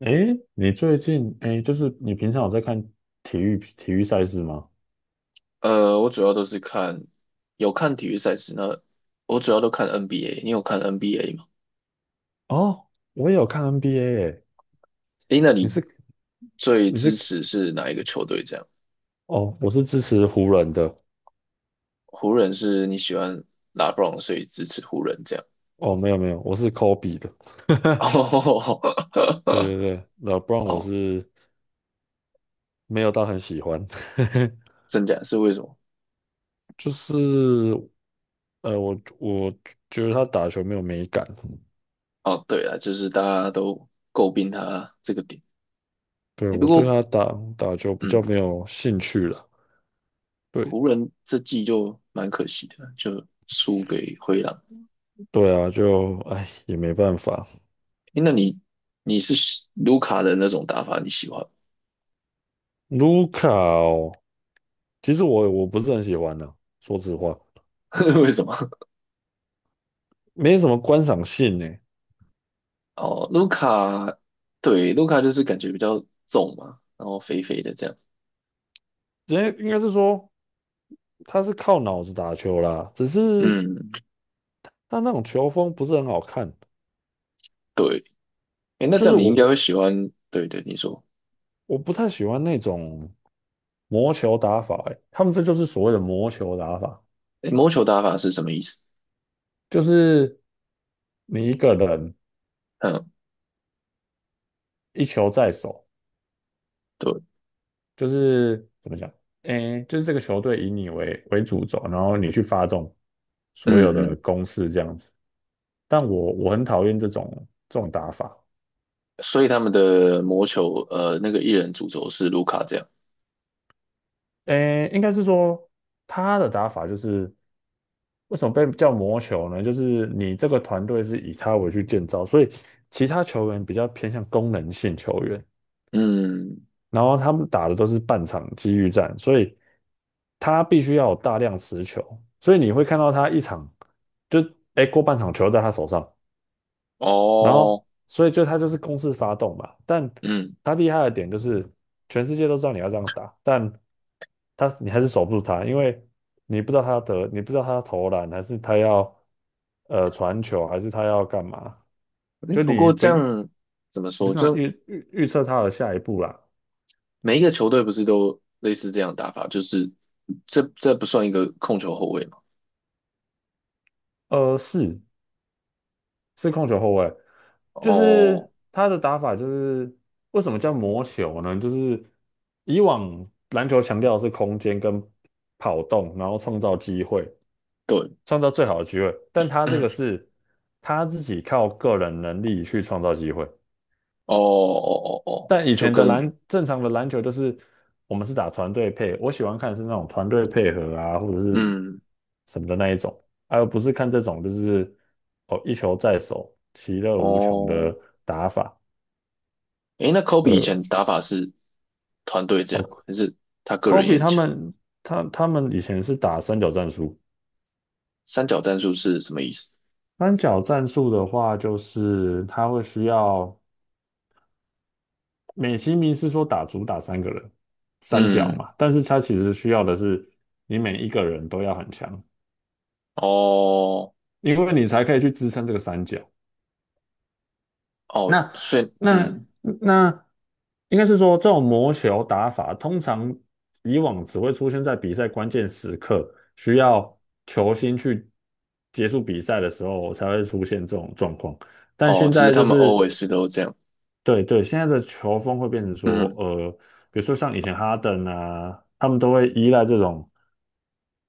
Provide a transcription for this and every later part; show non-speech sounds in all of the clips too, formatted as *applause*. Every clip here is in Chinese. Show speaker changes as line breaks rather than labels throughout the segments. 诶，你最近就是你平常有在看体育赛事吗？
我主要都是看，有看体育赛事，那我主要都看 NBA。你有看 NBA 吗？
哦，我也有看 NBA 诶。
诶，那
你
你
是
最
你
支
是
持是哪一个球队？这样，
哦，我是支持湖人的。
湖人是你喜欢拉 e b r o n 所以支持湖人这样。
哦，没有没有，我是 Kobe 的。
*laughs*
*laughs*
哦，
对对对，老布 n 我
哦
是没有到很喜欢。*laughs*
真假是为什么？
就是我觉得他打球没有美感。
哦，对啊，就是大家都诟病他这个点。
对，
诶，不
我对
过，
他打球比较
嗯，
没有兴趣了。
湖
对
人这季就蛮可惜的，就输给灰狼。
对啊，就哎也没办法。
诶，那你是卢卡的那种打法，你喜欢吗？
卢卡哦，其实我不是很喜欢的，说实话，
*laughs* 为什么？
没什么观赏性呢。
哦，卢卡，对，卢卡就是感觉比较重嘛，然后肥肥的这样。
人为应该是说他是靠脑子打球啦，只是
嗯，
他那种球风不是很好看。
对。哎，那
就
这
是
样你
我
应该会
我
喜欢。对对，你说，
我不太喜欢那种魔球打法。欸，他们这就是所谓的魔球打法，
哎，魔球打法是什么意思？
就是你一个人
嗯，
一球在手，
对，
就是怎么讲，诶，就是这个球队以你为主轴，然后你去发动所有
嗯
的
嗯。
攻势这样子。但我很讨厌这种打法。
所以他们的魔球，那个艺人主轴是卢卡这样。
诶，应该是说他的打法就是为什么被叫魔球呢？就是你这个团队是以他为去建造，所以其他球员比较偏向功能性球员，
嗯，
然后他们打的都是半场机遇战，所以他必须要有大量持球，所以你会看到他一场就诶，过半场球在他手上，然后
哦，
所以就他就是公式发动嘛。但
嗯。
他厉害的点就是全世界都知道你要这样打，但他你还是守不住他，因为你不知道它得，你不知道它投篮还是他要传球还是他要干嘛，
诶
就
不
你
过
不
这样怎么
不是
说？
想
就
预测他的下一步啦。
每一个球队不是都类似这样打法？就是这不算一个控球后卫嘛？
是，是控球后卫。就
哦，
是他的打法就是为什么叫魔球呢？就是以往篮球强调的是空间跟跑动，然后创造机会，
对。
创造最好的机会，但
*clears throat*
他这
嗯。
个是他自己靠个人能力去创造机会。
哦哦哦哦，
但以
就
前的
跟
正常的篮球就是我们是打团队配，我喜欢看的是那种团队配合啊，或者是
嗯
什么的那一种，而不是看这种就是哦一球在手，其乐无穷的
哦，
打法。
诶，那 Kobe 以
呃，
前打法是团队这样吗？
哦
还是他个人也
，Kobe
很强？
他们以前是打三角战术。
三角战术是什么意思？
三角战术的话就是他会需要美其名是说主打3个人三角
嗯，
嘛，但是他其实需要的是你每一个人都要很强。
哦
因为你才可以去支撑这个三角。
哦，
那
所以
那
嗯
那，应该是说这种魔球打法，通常以往只会出现在比赛关键时刻，需要球星去结束比赛的时候才会出现这种状况。但
哦，
现
只是
在
他
就
们
是
always 都这样。
对对，现在的球风会变成说，
嗯
比如说像以前哈登啊，他们都会依赖这种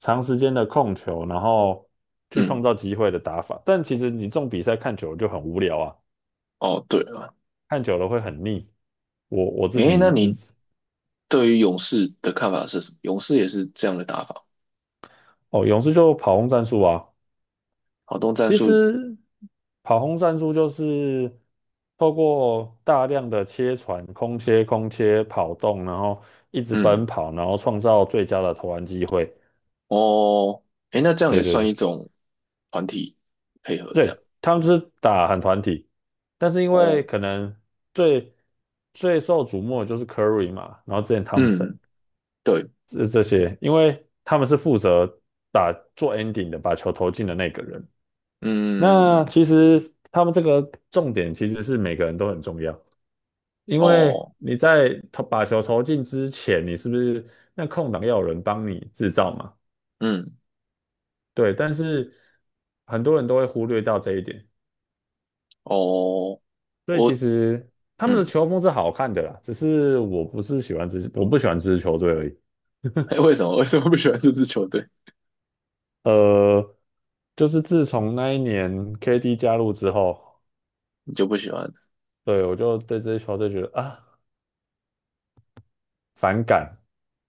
长时间的控球，然后去创
嗯，
造机会的打法。但其实你这种比赛看久了就很无聊啊，
哦对了，
看久了会很腻。我自
诶，那
己
你
是
对于勇士的看法是什么？勇士也是这样的打法，
哦，勇士就跑轰战术啊。
好动战
其
术。
实跑轰战术就是透过大量的切传、空切、跑动，然后一直奔
嗯
跑，然后创造最佳的投篮机会。
哦，诶，那这样也
对对
算
对。
一种团体配合这样。
对，他们就是打很团体。但是因为
哦，
可能最最受瞩目的就是 Curry 嘛，然后之前汤普森
嗯。对。
这些，因为他们是负责打做 ending 的，把球投进的那个人。那
嗯，
其实他们这个重点其实是每个人都很重要，因为
哦，
你在把球投进之前，你是不是那空档要有人帮你制造嘛？
嗯，
对，但是很多人都会忽略到这一点。
哦，
所以其
我，
实他们的
嗯，
球风是好看的啦，只是我不是喜欢这支，我不喜欢这支球队而已。
哎，为什么不喜欢这支球队？
呃，就是自从那一年 KD 加入之后，
你就不喜欢？
对，我就对这支球队觉得啊反感。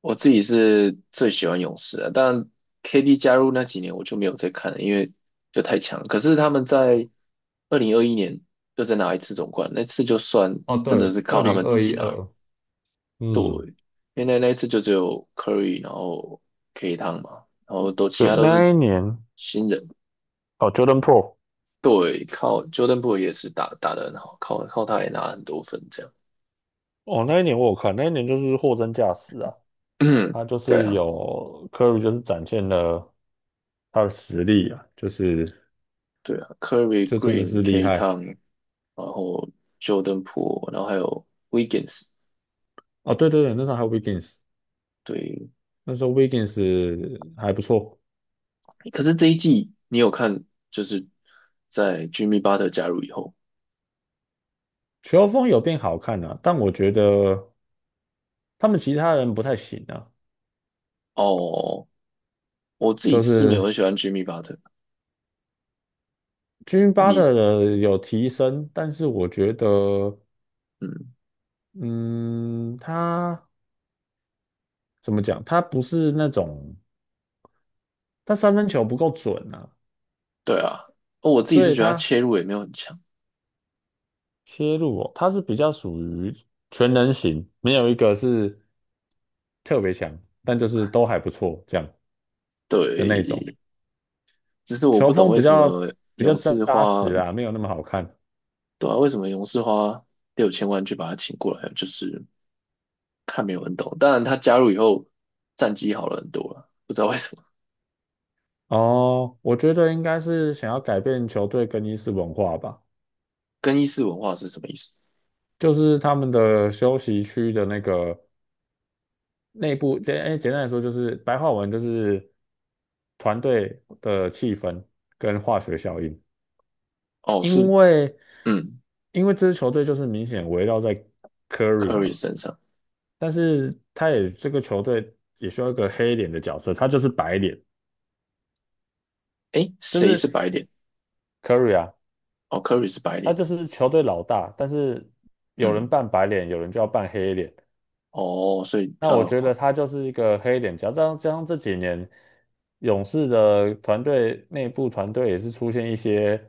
我自己是最喜欢勇士的，但 KD 加入那几年我就没有再看了，因为就太强了。可是他们在2021年又再拿一次总冠，那次就算
哦，
真的是
对，二
靠他
零
们自
二
己
一二
拿，
二2，嗯，
因为那一次就只有 Curry，然后 K 汤嘛，然后都其
对，
他都
那
是
一年
新人，
哦，Jordan Po，r。
对，靠 Jordan p o o l 也是打得很好，靠他也拿了很多分这样。
哦，那一年我有看，那一年就是货真价实啊，
*clears throat* 嗯，
他就
对
是
啊，
有 Curry，就是展现了他的实力啊，就是
对啊，Curry、
就真的
Green、
是厉
K
害。
Town，然后 Jordan p o o l 然后还有 Wiggins。
哦，对对对，那时候还有 Wiggins，
对，
那时候 Wiggins 还不错。
可是这一季你有看，就是在 Jimmy Butler 加入以后，
球风有变好看啊，但我觉得他们其他人不太行啊。
哦，我自己
就
是没有
是
很喜欢 Jimmy Butler。
j i m m t
你，
的有提升，但是我觉得，
嗯，
嗯，他怎么讲？他不是那种他三分球不够准啊，
对啊，哦，我自己
所
是
以
觉得他
他
切入也没有很强。
切入哦，他是比较属于全能型，没有一个是特别强，但就是都还不错这样的那种，
对，只是我
球
不懂
风
为
比
什
较
么
比较
勇士
扎
花
实啊，没有那么好看。
对啊，为什么勇士花6000万去把他请过来，就是看没有人懂。当然，他加入以后战绩好了很多了，不知道为什么。
哦，我觉得应该是想要改变球队更衣室文化吧。
更衣室文化是什么意思？
就是他们的休息区的那个内部，简单来说就是白话文就是团队的气氛跟化学效应。
哦，是
因为
嗯
因为这支球队就是明显围绕在 Curry
，Curry
嘛，
身上。
但是他也这个球队也需要一个黑脸的角色，他就是白脸。
诶，
就
谁
是
是白脸？
Curry 啊，
哦，Curry 是白
他
脸。
就是球队老大，但是有人
嗯，
扮白脸，有人就要扮黑脸。
哦，所以
那我
要
觉得他就是一个黑脸。加上这几年勇士的团队内部团队也是出现一些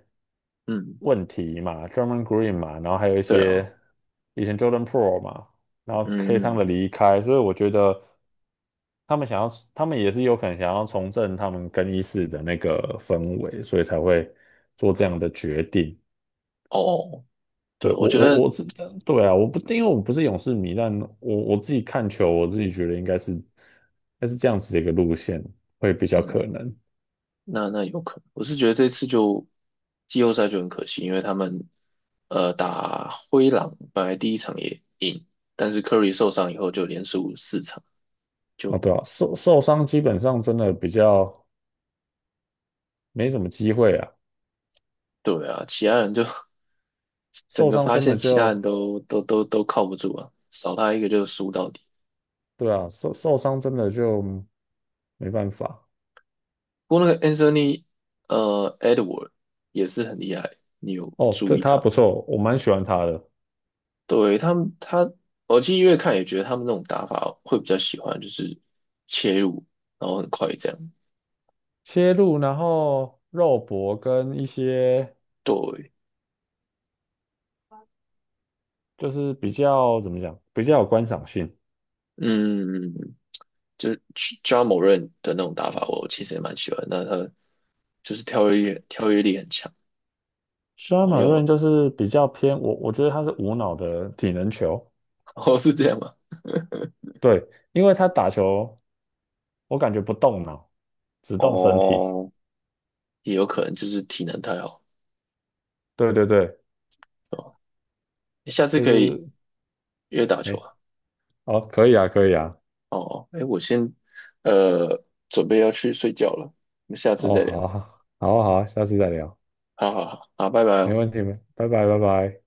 嗯，
问题嘛，Draymond Green 嘛，然后还有一
对啊，
些以前 Jordan p r o 嘛，然后 K 汤的
嗯，
离开，所以我觉得他们想要，他们也是有可能想要重振他们更衣室的那个氛围，所以才会做这样的决定。
哦，
对，
对，我
我
觉
我
得。
我是。对啊，我不，因为我不是勇士迷。但我自己看球，我自己觉得应该是，这样子的一个路线会比较
嗯
可能
那有可能，我是觉得这次就季后赛就很可惜，因为他们打灰狼本来第一场也赢，但是 Curry 受伤以后就连输4场，
啊。
就
对啊，受伤基本上真的比较没什么机会啊。
对啊，其他人就 *laughs* 整
受
个
伤
发
真的
现其他人
就，
都靠不住啊，少他一个就输到底。
对啊，受伤真的就没办法。
不过那个 Anthony Edward 也是很厉害，你有
哦，
注
对，
意
他
他？
不错，我蛮喜欢他的
对，他们，他，我其实越看也觉得他们那种打法会比较喜欢，就是切入，然后很快这样。
切入，然后肉搏跟一些
对，
就是比较怎么讲，比较有观赏性。
嗯，就是 Ja m o 的那种打法，我其实也蛮喜欢。那他就是跳跃力，跳跃力很强，
Sean
然后
m a r i
又
n 就
*laughs*，
是比较偏我，我觉得他是无脑的体能球。
哦，是这样吗？
对，因为他打球我感觉不动脑，只动身体。
哦，也有可能就是体能太好，
对对对，
哦，你下次
就
可以
是
约打球
哎，
啊。
好，可以啊，可以啊。
哦，哎，我先呃准备要去睡觉了，我们下次
哦，
再
好，
聊。
好，好，好，下次再聊，
好好好，好，拜拜
没
哦。
问题，没，拜拜，拜拜。